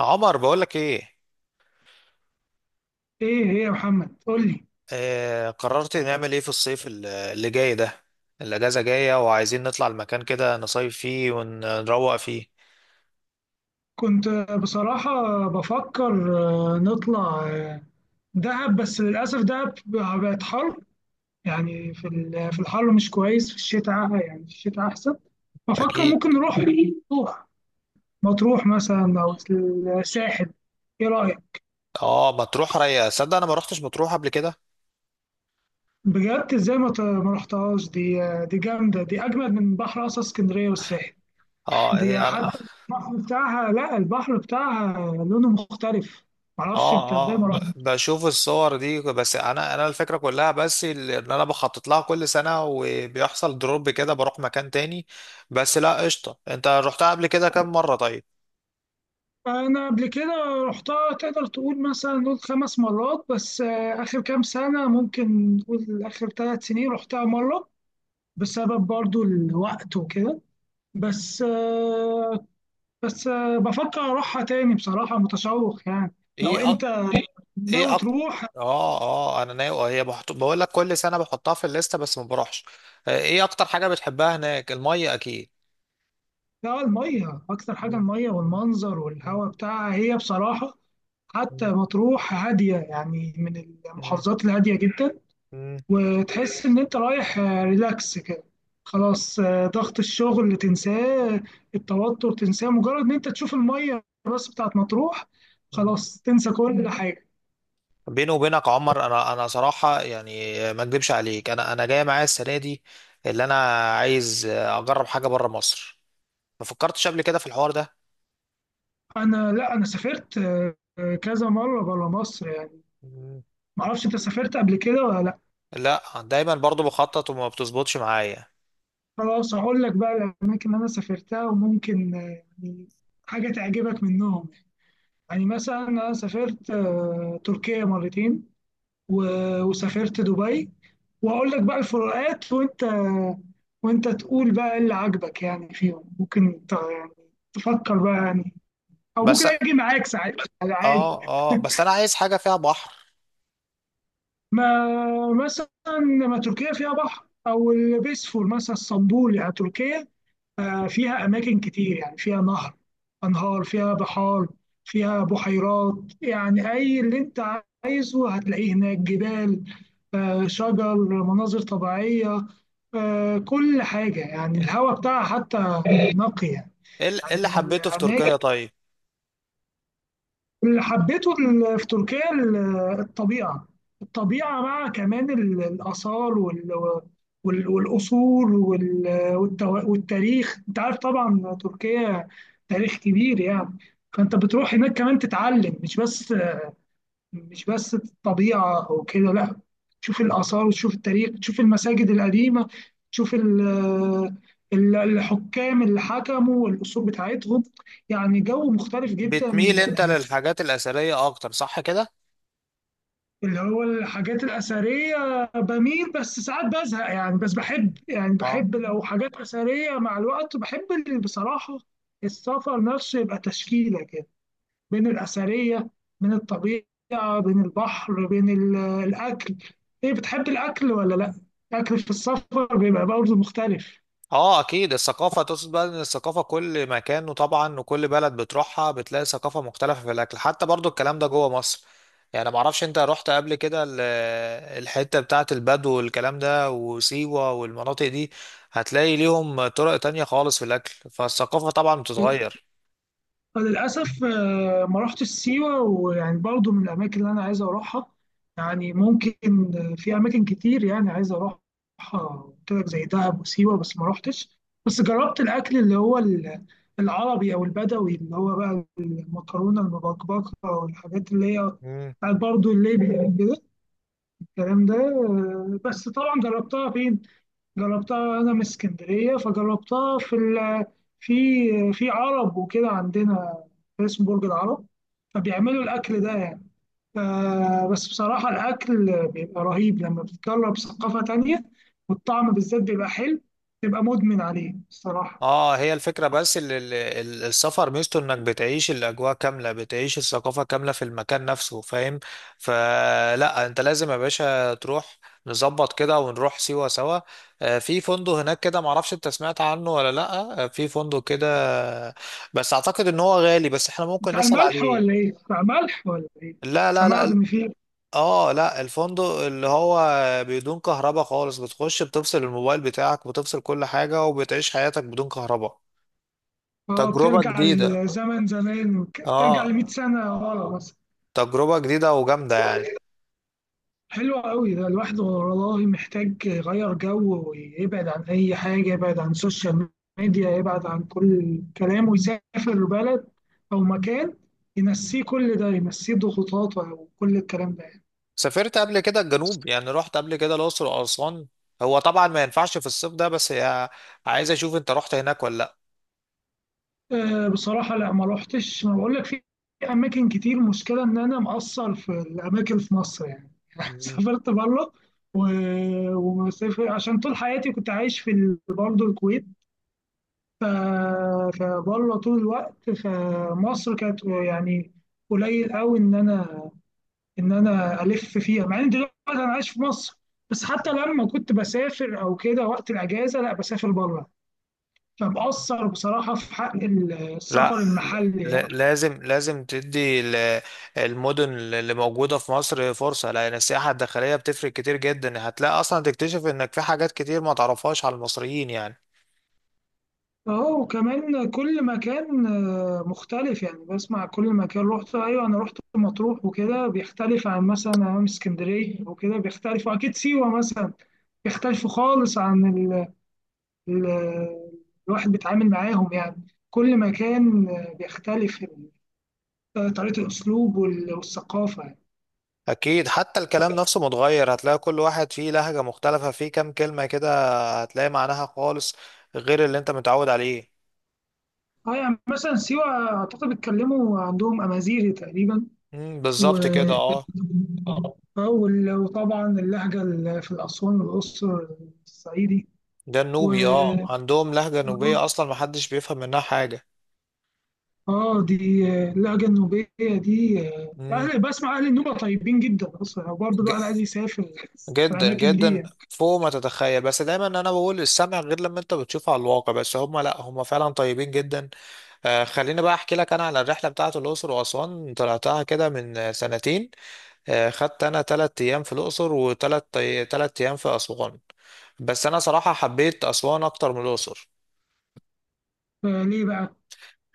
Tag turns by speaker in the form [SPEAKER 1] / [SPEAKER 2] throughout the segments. [SPEAKER 1] عمر، بقولك ايه؟
[SPEAKER 2] ايه هي يا محمد قول لي.
[SPEAKER 1] آه قررت نعمل ايه في الصيف اللي جاي ده؟ الاجازه جايه وعايزين نطلع المكان كده، نصيف فيه ونروق فيه.
[SPEAKER 2] كنت بصراحة بفكر نطلع دهب، بس للأسف دهب بقت حر. يعني في الحر مش كويس، في الشتاء يعني في الشتاء أحسن. بفكر
[SPEAKER 1] اكيد.
[SPEAKER 2] ممكن نروح مطروح مثلا أو الساحل. ايه رأيك؟
[SPEAKER 1] اه مطروح رايقه، صدق انا ما روحتش مطروح قبل كده.
[SPEAKER 2] بجد ازاي ما رحتهاش؟ دي جامدة، دي أجمد من بحر أصلا اسكندرية والساحل.
[SPEAKER 1] اه هي
[SPEAKER 2] دي
[SPEAKER 1] انا.
[SPEAKER 2] حتى البحر بتاعها، لا البحر بتاعها لونه مختلف. معرفش
[SPEAKER 1] اه
[SPEAKER 2] انت ازاي
[SPEAKER 1] اه،
[SPEAKER 2] ما رحت.
[SPEAKER 1] بشوف الصور دي، بس انا الفكره كلها، بس ان انا بخطط لها كل سنه وبيحصل دروب كده بروح مكان تاني. بس لا قشطه، انت روحتها قبل كده كام مره طيب؟
[SPEAKER 2] انا قبل كده رحتها، تقدر تقول مثلا نقول خمس مرات، بس اخر كام سنه ممكن نقول اخر ثلاث سنين رحتها مره، بسبب برضو الوقت وكده. بس آه، بس بفكر اروحها تاني، بصراحه متشوق يعني لو
[SPEAKER 1] ايه.
[SPEAKER 2] انت
[SPEAKER 1] ايه
[SPEAKER 2] ناوي
[SPEAKER 1] أك...
[SPEAKER 2] تروح.
[SPEAKER 1] اه، انا ناوي، هي بقول لك كل سنه بحطها في الليسته بس ما بروحش. ايه اكتر حاجه بتحبها هناك؟ الميه اكيد.
[SPEAKER 2] لا، الميه اكتر حاجه،
[SPEAKER 1] مم.
[SPEAKER 2] الميه والمنظر
[SPEAKER 1] مم.
[SPEAKER 2] والهواء بتاعها هي بصراحه. حتى
[SPEAKER 1] مم.
[SPEAKER 2] مطروح هاديه يعني من
[SPEAKER 1] مم.
[SPEAKER 2] المحافظات الهاديه جدا.
[SPEAKER 1] مم.
[SPEAKER 2] وتحس إن أنت رايح ريلاكس كده، خلاص ضغط الشغل اللي تنساه، التوتر تنساه، مجرد إن أنت تشوف المية الراس بتاعت مطروح
[SPEAKER 1] مم.
[SPEAKER 2] خلاص تنسى كل حاجة.
[SPEAKER 1] بيني وبينك يا عمر، انا صراحه يعني، ما اكذبش عليك، انا جاي معايا السنه دي اللي انا عايز اجرب حاجه بره مصر، ما فكرتش قبل كده في الحوار ده.
[SPEAKER 2] أنا لا، أنا سافرت كذا مرة بره مصر يعني.
[SPEAKER 1] مم.
[SPEAKER 2] معرفش أنت سافرت قبل كده ولا لأ.
[SPEAKER 1] لا، دايما برضو بخطط وما بتظبطش معايا.
[SPEAKER 2] خلاص هقول لك بقى الأماكن اللي أنا سافرتها وممكن يعني حاجة تعجبك منهم. يعني مثلا أنا سافرت تركيا مرتين، و- وسافرت دبي، واقول لك بقى الفروقات، وانت تقول بقى إيه اللي عاجبك يعني فيهم، ممكن يعني تفكر بقى يعني، او ممكن
[SPEAKER 1] بس
[SPEAKER 2] اجي معاك ساعات على عادي.
[SPEAKER 1] اه، بس انا عايز حاجه فيها بحر.
[SPEAKER 2] ما مثلا ما تركيا فيها بحر، او البيسفور مثلا اسطنبول. يعني تركيا فيها أماكن كتير، يعني فيها نهر، أنهار، فيها بحار، فيها بحيرات. يعني أي اللي أنت عايزه هتلاقيه هناك، جبال، شجر، مناظر طبيعية، كل حاجة. يعني الهواء بتاعها حتى نقي يعني.
[SPEAKER 1] ايه إيه
[SPEAKER 2] يعني
[SPEAKER 1] اللي
[SPEAKER 2] من
[SPEAKER 1] حبيته في
[SPEAKER 2] الأماكن
[SPEAKER 1] تركيا طيب؟
[SPEAKER 2] اللي حبيته في تركيا، الطبيعة الطبيعة مع كمان الآثار والأصول والتاريخ. أنت عارف طبعا تركيا تاريخ كبير يعني، فأنت بتروح هناك كمان تتعلم، مش بس الطبيعة أو كده، لا، تشوف الآثار وتشوف التاريخ، تشوف المساجد القديمة، تشوف الحكام اللي حكموا والأصول بتاعتهم، يعني جو مختلف جدا.
[SPEAKER 1] بتميل انت للحاجات الاثريه اكتر، صح كده؟
[SPEAKER 2] اللي هو الحاجات الأثرية بميل، بس ساعات بزهق يعني، بس بحب يعني
[SPEAKER 1] اه
[SPEAKER 2] بحب لو حاجات أثرية، مع الوقت بحب اللي بصراحة السفر نفسه يبقى تشكيلة كده، بين الأثرية، بين الطبيعة، بين البحر، بين الأكل. إيه، بتحب الأكل ولا لأ؟ الأكل في السفر بيبقى برضه مختلف.
[SPEAKER 1] اه، اكيد. الثقافه، تقصد بقى ان الثقافه كل مكان، وطبعا وكل بلد بتروحها بتلاقي ثقافه مختلفه في الاكل، حتى برضو الكلام ده جوه مصر. يعني ما اعرفش انت رحت قبل كده الحته بتاعه البدو والكلام ده وسيوه والمناطق دي؟ هتلاقي ليهم طرق تانية خالص في الاكل، فالثقافه طبعا بتتغير.
[SPEAKER 2] فللأسف ما رحتش سيوة، ويعني برضو من الأماكن اللي أنا عايز أروحها، يعني ممكن في أماكن كتير يعني عايز أروحها. قلت لك زي دهب وسيوة، بس ما رحتش. بس جربت الأكل اللي هو العربي أو البدوي، اللي هو بقى المكرونة المبكبكة والحاجات اللي هي بتاعت برضو الليبي كده، الكلام ده. بس طبعا جربتها فين؟ جربتها انا من اسكندريه، فجربتها في عرب وكده عندنا، اسمه برج العرب، فبيعملوا الاكل ده يعني. بس بصراحه الاكل بيبقى رهيب لما بتجرب ثقافه تانية، والطعم بالذات بيبقى حلو، تبقى مدمن عليه الصراحه.
[SPEAKER 1] اه هي الفكرة، بس السفر ميزته انك بتعيش الاجواء كاملة، بتعيش الثقافة كاملة في المكان نفسه، فاهم؟ فلا انت لازم يا باشا تروح، نظبط كده ونروح سيوة سوا. في فندق هناك كده، معرفش انت سمعت عنه ولا لا؟ في فندق كده بس اعتقد ان هو غالي، بس احنا ممكن
[SPEAKER 2] بتاع
[SPEAKER 1] نسأل
[SPEAKER 2] الملح ولا
[SPEAKER 1] عليه.
[SPEAKER 2] ايه؟ بتاع ملح ولا ايه؟
[SPEAKER 1] لا لا
[SPEAKER 2] سمعت
[SPEAKER 1] لا.
[SPEAKER 2] ان في.
[SPEAKER 1] اه لا، الفندق اللي هو بدون كهرباء خالص، بتخش بتفصل الموبايل بتاعك بتفصل كل حاجة وبتعيش حياتك بدون كهرباء.
[SPEAKER 2] اه،
[SPEAKER 1] تجربة
[SPEAKER 2] بترجع
[SPEAKER 1] جديدة.
[SPEAKER 2] للزمن زمان، بترجع ل
[SPEAKER 1] اه.
[SPEAKER 2] 100 سنه ورا مثلا.
[SPEAKER 1] تجربة جديدة وجامدة يعني.
[SPEAKER 2] حلو قوي ده، الواحد والله محتاج يغير جو، ويبعد عن أي حاجة، يبعد عن السوشيال ميديا، يبعد عن كل الكلام، ويسافر بلد أو مكان ينسيه كل ده، ينسيه ضغوطاته وكل الكلام ده يعني.
[SPEAKER 1] سافرت قبل كده الجنوب؟ يعني رحت قبل كده الأقصر وأسوان؟ هو طبعا ما ينفعش في الصيف ده بس، يا عايز أشوف أنت رحت هناك ولا لأ.
[SPEAKER 2] أه بصراحة لا، ما روحتش. ما بقول لك في أماكن كتير، مشكلة إن أنا مقصر في الأماكن في مصر يعني.
[SPEAKER 1] مم.
[SPEAKER 2] سافرت بره، و- ومسافر عشان طول حياتي كنت عايش برضه الكويت، ف- فبره طول الوقت، فمصر كانت يعني قليل قوي ان انا الف فيها، مع ان دلوقتي انا عايش في مصر، بس حتى لما كنت بسافر او كده وقت الاجازه لا بسافر بره، فمقصر بصراحه في حق
[SPEAKER 1] لا،
[SPEAKER 2] السفر المحلي يعني.
[SPEAKER 1] لازم لازم تدي المدن اللي موجودة في مصر فرصة، لأن السياحة الداخلية بتفرق كتير جدا، هتلاقي أصلا تكتشف إنك في حاجات كتير ما تعرفهاش على المصريين يعني.
[SPEAKER 2] اهو، وكمان كل مكان مختلف يعني، بسمع كل مكان رحت ايوه، انا رحت مطروح وكده بيختلف عن مثلا أيام اسكندريه وكده بيختلف، واكيد سيوه مثلا بيختلفوا خالص عن ال- الواحد بيتعامل معاهم، يعني كل مكان بيختلف طريقة الأسلوب والثقافة يعني.
[SPEAKER 1] اكيد، حتى الكلام نفسه متغير، هتلاقي كل واحد فيه لهجة مختلفة، فيه كام كلمة كده هتلاقي معناها خالص غير اللي انت متعود عليه.
[SPEAKER 2] اه يعني مثلا سيوة أعتقد بيتكلموا عندهم أمازيغي تقريبا. و...
[SPEAKER 1] بالظبط كده، اه.
[SPEAKER 2] اه وطبعا اللهجة في الأسوان والأقصر، الصعيدي.
[SPEAKER 1] ده
[SPEAKER 2] و
[SPEAKER 1] النوبي، اه عندهم لهجة نوبية اصلا محدش بيفهم منها حاجة.
[SPEAKER 2] اه دي اللهجة النوبية دي،
[SPEAKER 1] امم
[SPEAKER 2] أهل بسمع أهل النوبة طيبين جدا أصلا، وبرضه الواحد
[SPEAKER 1] ج-
[SPEAKER 2] عايز يسافر
[SPEAKER 1] جدا
[SPEAKER 2] الأماكن دي
[SPEAKER 1] جدا
[SPEAKER 2] يعني.
[SPEAKER 1] فوق ما تتخيل، بس دايما انا بقول السمع غير لما انت بتشوفه على الواقع، بس هم، لا هم فعلا طيبين جدا. خليني بقى احكي لك انا على الرحلة بتاعت الاقصر واسوان، طلعتها كده من سنتين. خدت انا تلات ايام في الاقصر وتلات تلات ايام في اسوان، بس انا صراحة حبيت اسوان اكتر من الاقصر.
[SPEAKER 2] فليه بقى؟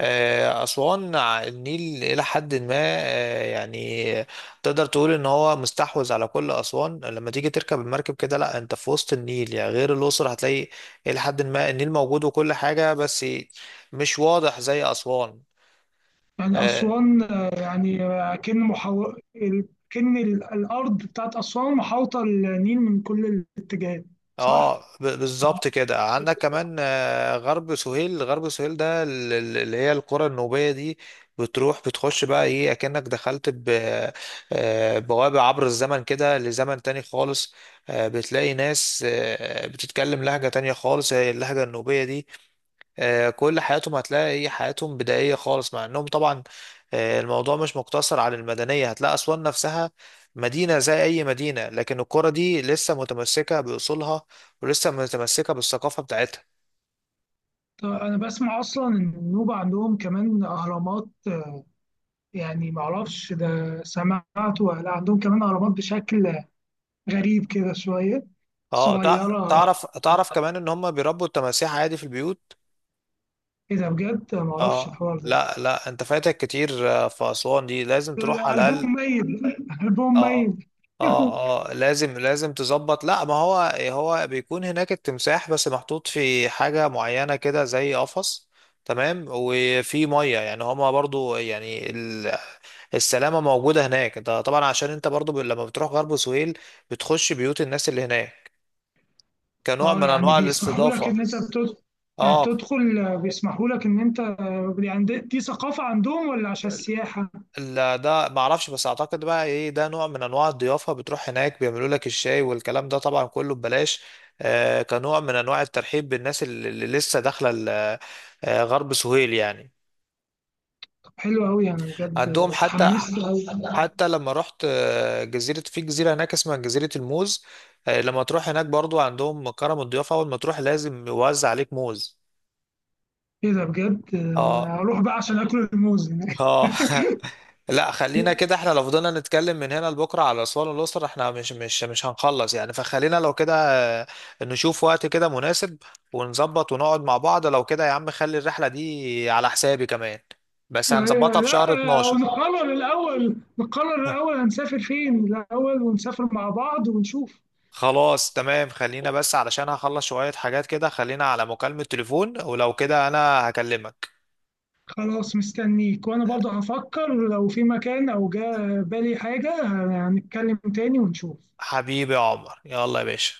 [SPEAKER 1] اسوان النيل الى حد ما، يعني تقدر تقول ان هو مستحوذ على كل اسوان، لما تيجي تركب المركب كده لا انت في وسط النيل، يعني غير الاقصر هتلاقي الى حد ما النيل موجود وكل حاجة بس مش واضح زي اسوان.
[SPEAKER 2] يعني
[SPEAKER 1] آه،
[SPEAKER 2] أسوان يعني كأن محو... ال- كأن ال- الأرض بتاعت أسوان محاوطة النيل من كل الاتجاهات. صح؟
[SPEAKER 1] اه بالظبط كده، عندك كمان غرب سهيل. غرب سهيل ده اللي هي القرى النوبية دي. بتروح بتخش بقى ايه، اكنك دخلت بوابة عبر الزمن كده لزمن تاني خالص. بتلاقي ناس بتتكلم لهجة تانية خالص، هي اللهجة النوبية دي. كل حياتهم هتلاقي هي حياتهم بدائية خالص، مع انهم طبعا الموضوع مش مقتصر على المدنية، هتلاقي أسوان نفسها مدينة زي أي مدينة، لكن القرى دي لسه متمسكة بأصولها ولسه متمسكة بالثقافة بتاعتها.
[SPEAKER 2] طب أنا بسمع أصلا إن النوبة عندهم كمان أهرامات، يعني معرفش ده سمعت ولا لأ، عندهم كمان أهرامات بشكل غريب كده شوية
[SPEAKER 1] اه
[SPEAKER 2] صغيرة.
[SPEAKER 1] تعرف كمان ان هم بيربوا التماسيح عادي في البيوت؟
[SPEAKER 2] إيه ده بجد؟ معرفش
[SPEAKER 1] اه
[SPEAKER 2] الحوار ده،
[SPEAKER 1] لا لا، انت فاتك كتير، في أسوان دي لازم تروح على الأقل.
[SPEAKER 2] الألبوم ميت ألبوم
[SPEAKER 1] اه
[SPEAKER 2] ميت
[SPEAKER 1] اه اه، لازم لازم تظبط، لا ما هو هو بيكون هناك التمساح بس محطوط في حاجة معينة كده زي قفص. تمام، وفي مية يعني، هما برضو يعني السلامة موجودة هناك، انت طبعا عشان انت برضو لما بتروح غرب سهيل بتخش بيوت الناس اللي هناك كنوع
[SPEAKER 2] اه
[SPEAKER 1] من
[SPEAKER 2] يعني
[SPEAKER 1] انواع
[SPEAKER 2] بيسمحوا لك
[SPEAKER 1] الاستضافة.
[SPEAKER 2] ان انت بتدخل؟ يعني
[SPEAKER 1] اه
[SPEAKER 2] بتدخل بيسمحوا لك ان انت، يعني دي ثقافة عندهم ولا عشان السياحة؟
[SPEAKER 1] لا ده ما اعرفش، بس اعتقد بقى ايه، ده نوع من انواع الضيافه، بتروح هناك بيعملوا لك الشاي والكلام ده طبعا كله ببلاش. آه كنوع من انواع الترحيب بالناس اللي لسه داخله غرب سهيل يعني.
[SPEAKER 2] طب حلو قوي، انا بجد
[SPEAKER 1] عندهم حتى،
[SPEAKER 2] اتحمست قوي.
[SPEAKER 1] لما رحت جزيرة، في جزيرة هناك اسمها جزيرة الموز، لما تروح هناك برضو عندهم كرم الضيافة، أول ما تروح لازم يوزع عليك موز.
[SPEAKER 2] ايه ده بجد؟
[SPEAKER 1] اه.
[SPEAKER 2] هروح بقى عشان اكل الموز هناك
[SPEAKER 1] اه. لا خلينا كده، احنا لو فضلنا نتكلم من هنا لبكره على اسوان والاقصر احنا مش هنخلص يعني، فخلينا لو كده آه، نشوف وقت كده مناسب ونظبط ونقعد مع بعض، لو كده يا عم خلي الرحله دي على حسابي كمان، بس
[SPEAKER 2] أيوة،
[SPEAKER 1] هنظبطها في
[SPEAKER 2] لا،
[SPEAKER 1] شهر 12.
[SPEAKER 2] نقرر الاول هنسافر فين الاول، ونسافر مع بعض ونشوف.
[SPEAKER 1] خلاص تمام، خلينا بس علشان هخلص شويه حاجات كده، خلينا على مكالمه تليفون ولو كده انا هكلمك.
[SPEAKER 2] خلاص مستنيك، وانا برضه هفكر لو في مكان او جا بالي حاجة، هنتكلم تاني ونشوف.
[SPEAKER 1] حبيبي يا عمر، يلا يا باشا.